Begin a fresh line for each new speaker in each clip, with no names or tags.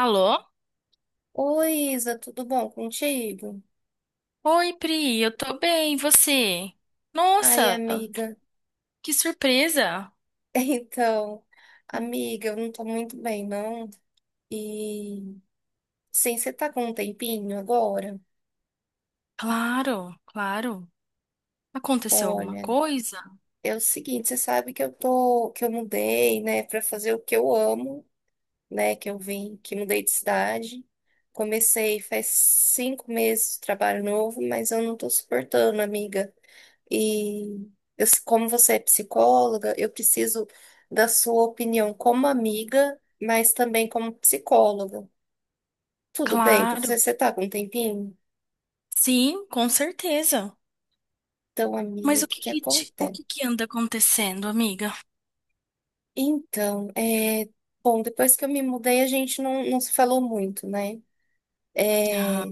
Alô?
Oi, Isa, tudo bom contigo?
Oi, Pri, eu tô bem, e você?
Ai,
Nossa,
amiga.
que surpresa!
Então, amiga, eu não tô muito bem, não. E sim, você tá com um tempinho agora?
Claro, claro. Aconteceu alguma
Olha,
coisa?
é o seguinte, você sabe que eu mudei, né, pra fazer o que eu amo, né, que eu vim, que mudei de cidade. Comecei faz 5 meses de trabalho novo, mas eu não tô suportando, amiga. E eu, como você é psicóloga, eu preciso da sua opinião como amiga, mas também como psicóloga. Tudo bem para você?
Claro.
Você tá com um tempinho?
Sim, com certeza.
Então, amiga,
Mas
o
o
que
que
que
que o
acontece?
que que anda acontecendo, amiga?
Então, é, bom, depois que eu me mudei, a gente não, não se falou muito, né?
Aham.
É,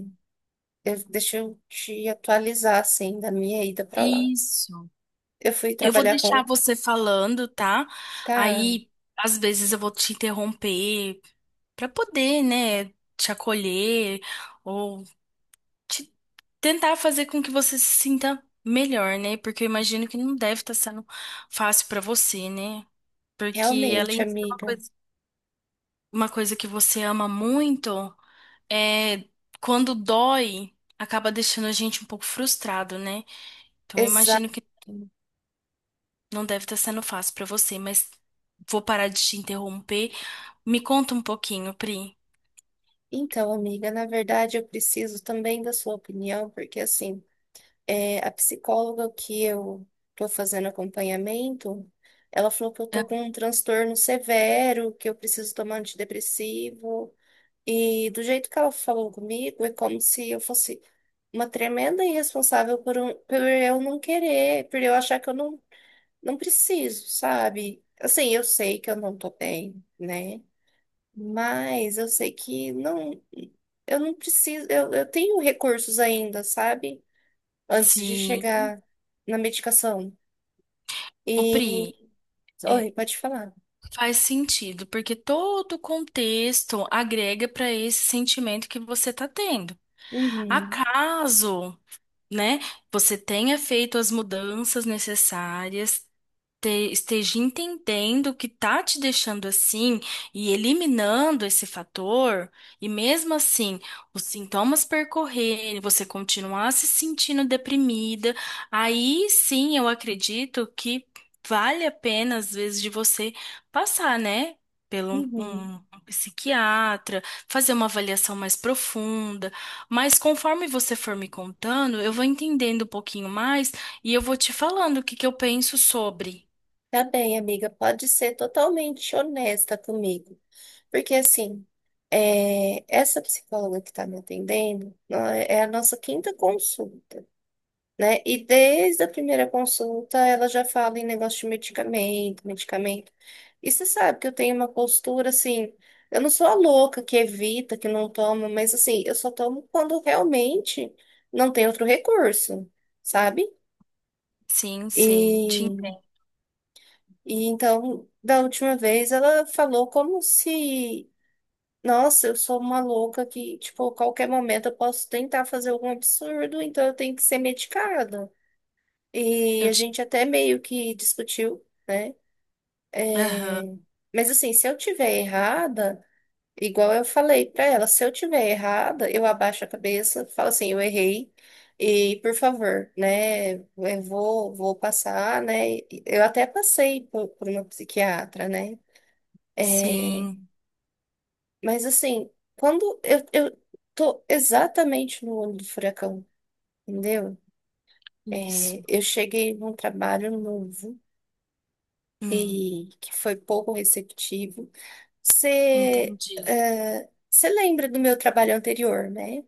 deixa eu te atualizar, assim, da minha ida para lá.
Isso.
Eu fui
Eu vou
trabalhar
deixar
com.
você falando, tá?
Tá,
Aí, às vezes eu vou te interromper para poder, né, te acolher, ou te- tentar fazer com que você se sinta melhor, né? Porque eu imagino que não deve estar sendo fácil pra você, né? Porque
realmente,
além de ser
amiga.
uma coisa que você ama muito, é quando dói, acaba deixando a gente um pouco frustrado, né? Então eu imagino
Exato.
que não deve estar sendo fácil pra você, mas vou parar de te interromper. Me conta um pouquinho, Pri.
Então, amiga, na verdade eu preciso também da sua opinião, porque assim, é, a psicóloga que eu tô fazendo acompanhamento, ela falou que eu tô
Ah,
com um transtorno severo, que eu preciso tomar antidepressivo, e do jeito que ela falou comigo, é como se eu fosse uma tremenda irresponsável por eu não querer, por eu achar que eu não, não preciso, sabe? Assim, eu sei que eu não tô bem, né? Mas eu sei que não. Eu não preciso, eu tenho recursos ainda, sabe? Antes de
sim.
chegar na medicação.
Ô,
E.
Pri, é,
Oi, pode falar.
faz sentido, porque todo o contexto agrega para esse sentimento que você está tendo.
Uhum,
Acaso, né, você tenha feito as mudanças necessárias, esteja entendendo o que tá te deixando assim e eliminando esse fator, e mesmo assim os sintomas percorrerem, você continuar se sentindo deprimida, aí sim eu acredito que vale a pena, às vezes, de você passar, né? Pelo
uhum.
um psiquiatra, fazer uma avaliação mais profunda, mas conforme você for me contando, eu vou entendendo um pouquinho mais e eu vou te falando o que que eu penso sobre.
Tá bem, amiga, pode ser totalmente honesta comigo. Porque, assim, é, essa psicóloga que tá me atendendo ó, é a nossa quinta consulta. Né? E desde a primeira consulta ela já fala em negócio de medicamento, medicamento. E você sabe que eu tenho uma postura assim, eu não sou a louca que evita, que não toma, mas assim, eu só tomo quando realmente não tem outro recurso, sabe?
Sim, sim, te
E,
entendo.
e então, da última vez ela falou como se, nossa, eu sou uma louca que, tipo, a qualquer momento eu posso tentar fazer algum absurdo, então eu tenho que ser medicada. E
Eu
a
te...
gente até meio que discutiu, né? É.
Aham,
Mas assim, se eu tiver errada, igual eu falei pra ela, se eu tiver errada, eu abaixo a cabeça, falo assim, eu errei. E por favor, né? Eu vou passar, né? Eu até passei por uma psiquiatra, né?
sim,
É. Mas assim, quando eu tô exatamente no olho do furacão, entendeu?
isso.
É, eu cheguei num trabalho novo.
Hum,
E que foi pouco receptivo. Você,
entendi.
eh, você lembra do meu trabalho anterior, né?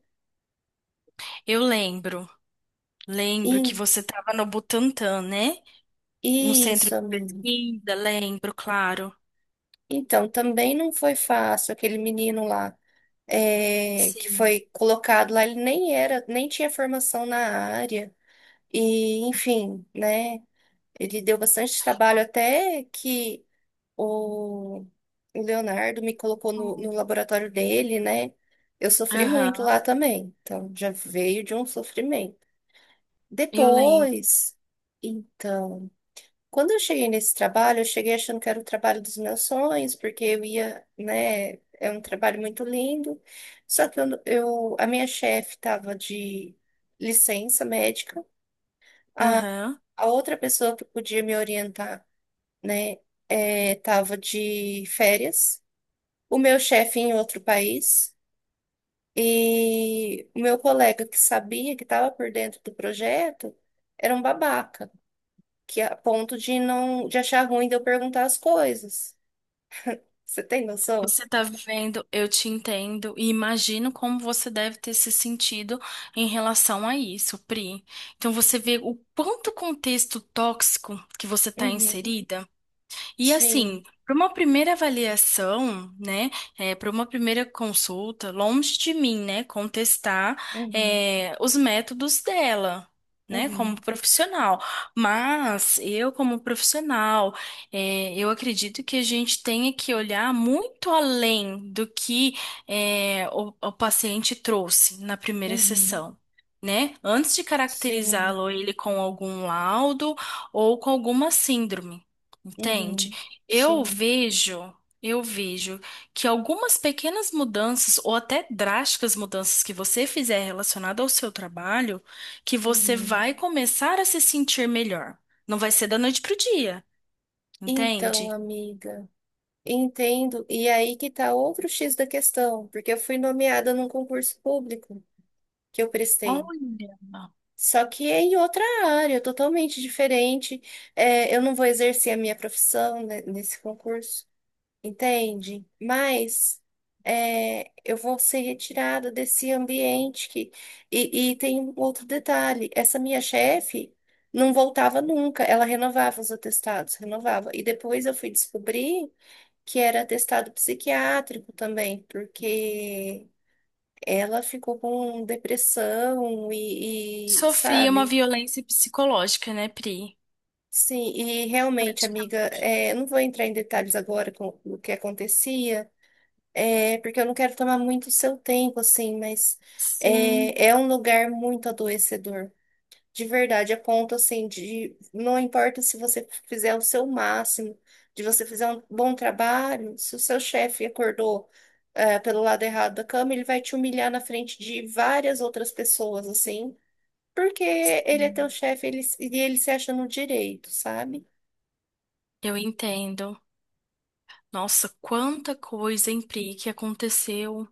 Eu lembro, lembro que
Em-
você estava no Butantã, né? No centro
isso,
de
amigo.
pesquisa, lembro, claro.
Então, também não foi fácil aquele menino lá. Que
Sim.
foi colocado lá, ele nem era, nem tinha formação na área, e enfim, né? Ele deu bastante trabalho até que o, o Leonardo me colocou no,
Hum.
no laboratório dele, né? Eu sofri muito
Aham,
lá também, então já veio de um sofrimento.
eu lembro.
Depois, então, quando eu cheguei nesse trabalho, eu cheguei achando que era o trabalho dos meus sonhos, porque eu ia, né? É um trabalho muito lindo. Só que a minha chefe estava de licença médica, a,
Aham.
a outra pessoa que podia me orientar, né? Estava de férias. O meu chefe em outro país e o meu colega que sabia que estava por dentro do projeto era um babaca, que a ponto de não de achar ruim de eu perguntar as coisas. Você tem noção?
Você tá vivendo, eu te entendo e imagino como você deve ter se sentido em relação a isso, Pri. Então você vê o quanto contexto tóxico que você está
Uhum.
inserida. E assim,
Sim.
para uma primeira avaliação, né, para uma primeira consulta, longe de mim, né, contestar
Uhum.
é, os métodos dela. Né,
Uhum.
como profissional, mas eu, como profissional, é, eu acredito que a gente tenha que olhar muito além do que é, o paciente trouxe na primeira
Uhum.
sessão, né? Antes de
Sim.
caracterizá-lo ele com algum laudo ou com alguma síndrome. Entende?
Uhum.
Eu
Sim.
vejo, eu vejo que algumas pequenas mudanças ou até drásticas mudanças que você fizer relacionado ao seu trabalho, que você
Uhum.
vai começar a se sentir melhor. Não vai ser da noite pro dia,
Então,
entende?
amiga, entendo. E aí que tá outro X da questão, porque eu fui nomeada num concurso público que eu prestei.
Olha,
Só que é em outra área, totalmente diferente. É, eu não vou exercer a minha profissão nesse concurso, entende? Mas é, eu vou ser retirada desse ambiente que. E tem um outro detalhe, essa minha chefe não voltava nunca, ela renovava os atestados, renovava. E depois eu fui descobrir que era atestado psiquiátrico também, porque. Ela ficou com depressão
sofri uma
sabe?
violência psicológica, né, Pri?
Sim, e realmente,
Praticamente.
amiga, é, eu não vou entrar em detalhes agora com o que acontecia, é, porque eu não quero tomar muito seu tempo, assim, mas
Sim,
é, um lugar muito adoecedor, de verdade, a ponto, assim, de não importa se você fizer o seu máximo, de você fizer um bom trabalho, se o seu chefe acordou, é, pelo lado errado da cama, ele vai te humilhar na frente de várias outras pessoas, assim, porque ele é teu chefe, ele, e ele se acha no direito, sabe?
eu entendo. Nossa, quanta coisa, hein, Pri, que aconteceu.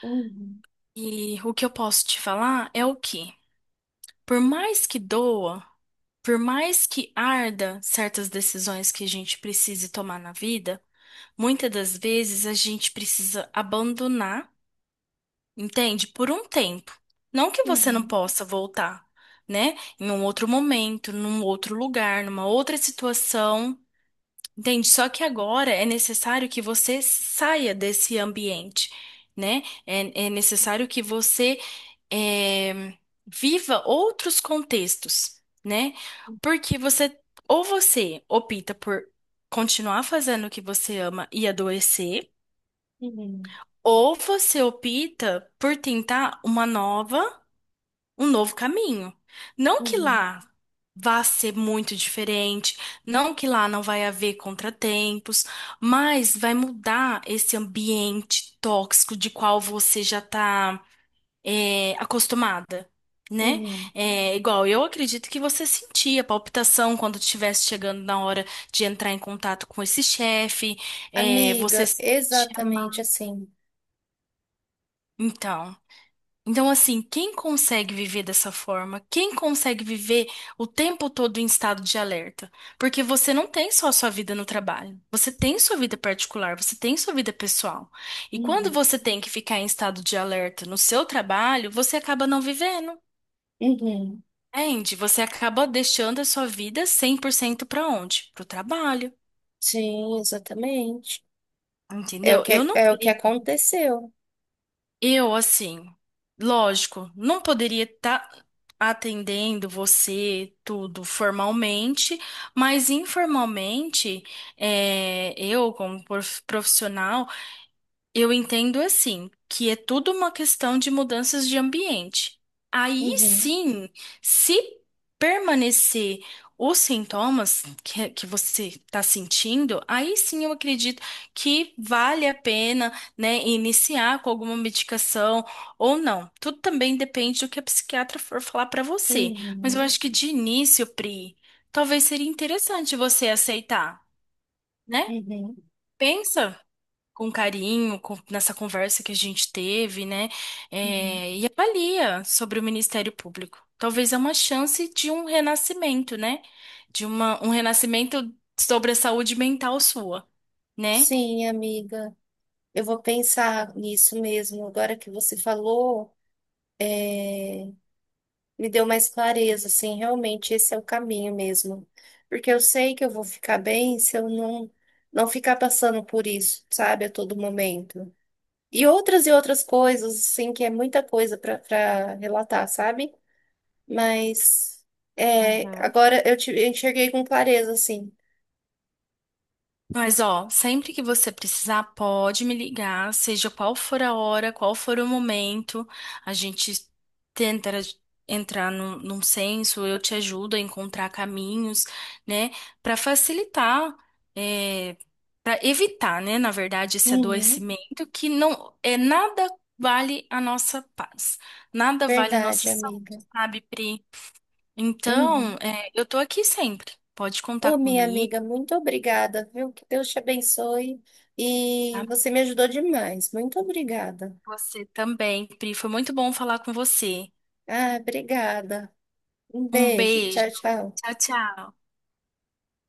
Uhum,
E o que eu posso te falar é o que, por mais que doa. Por mais que arda certas decisões que a gente precise tomar na vida, muitas das vezes a gente precisa abandonar, entende? Por um tempo. Não que você não
uhum,
possa voltar, né? Em um outro momento, num outro lugar, numa outra situação, entende? Só que agora é necessário que você saia desse ambiente. Né? É, é necessário que você eh, viva outros contextos, né? Porque você, ou você opta por continuar fazendo o que você ama e adoecer,
uhum,
ou você opta por tentar uma nova, um novo caminho. Não que
uhum,
lá vá ser muito diferente, não que lá não vai haver contratempos, mas vai mudar esse ambiente tóxico de qual você já está é, acostumada, né?
uhum.
É, igual, eu acredito que você sentia palpitação quando estivesse chegando na hora de entrar em contato com esse chefe, é, você
Amiga, exatamente
chamar.
assim.
Então, então assim, quem consegue viver dessa forma? Quem consegue viver o tempo todo em estado de alerta? Porque você não tem só a sua vida no trabalho, você tem sua vida particular, você tem sua vida pessoal. E quando
Uhum,
você tem que ficar em estado de alerta no seu trabalho, você acaba não vivendo.
uhum.
É, Andy, você acaba deixando a sua vida 100% para onde? Pro trabalho,
Sim, exatamente. É
entendeu? Eu não
é o que
queria.
aconteceu.
Eu, assim, lógico, não poderia estar atendendo você tudo formalmente, mas informalmente, é, eu, como profissional, eu entendo assim, que é tudo uma questão de mudanças de ambiente. Aí
Uhum,
sim, se permanecer os sintomas que você está sentindo, aí sim eu acredito que vale a pena, né, iniciar com alguma medicação ou não. Tudo também depende do que a psiquiatra for falar para você. Mas eu
uhum,
acho que de início, Pri, talvez seria interessante você aceitar, né?
uhum,
Pensa com carinho, nessa conversa que a gente teve, né?
uhum.
É, e avalia sobre o Ministério Público. Talvez é uma chance de um renascimento, né? De uma, um renascimento sobre a saúde mental sua, né?
Sim, amiga, eu vou pensar nisso mesmo. Agora que você falou, é, me deu mais clareza, assim, realmente esse é o caminho mesmo. Porque eu sei que eu vou ficar bem se eu não não ficar passando por isso, sabe, a todo momento. E outras coisas, assim, que é muita coisa para relatar, sabe? Mas é, agora eu enxerguei com clareza, assim.
Mas, ó, sempre que você precisar, pode me ligar, seja qual for a hora, qual for o momento, a gente tenta entrar num senso, eu te ajudo a encontrar caminhos, né, para facilitar, é, para evitar, né, na verdade, esse
Uhum,
adoecimento que não é nada vale a nossa paz, nada vale a nossa
verdade,
saúde,
amiga.
sabe, Pri? Então,
Uhum.
é, eu tô aqui sempre, pode contar
Ô, minha
comigo.
amiga, muito obrigada, viu? Que Deus te abençoe. E
Tá?
você me ajudou demais. Muito obrigada.
Você também, Pri. Foi muito bom falar com você.
Ah, obrigada. Um
Um
beijo.
beijo.
Tchau, tchau.
Tchau, tchau.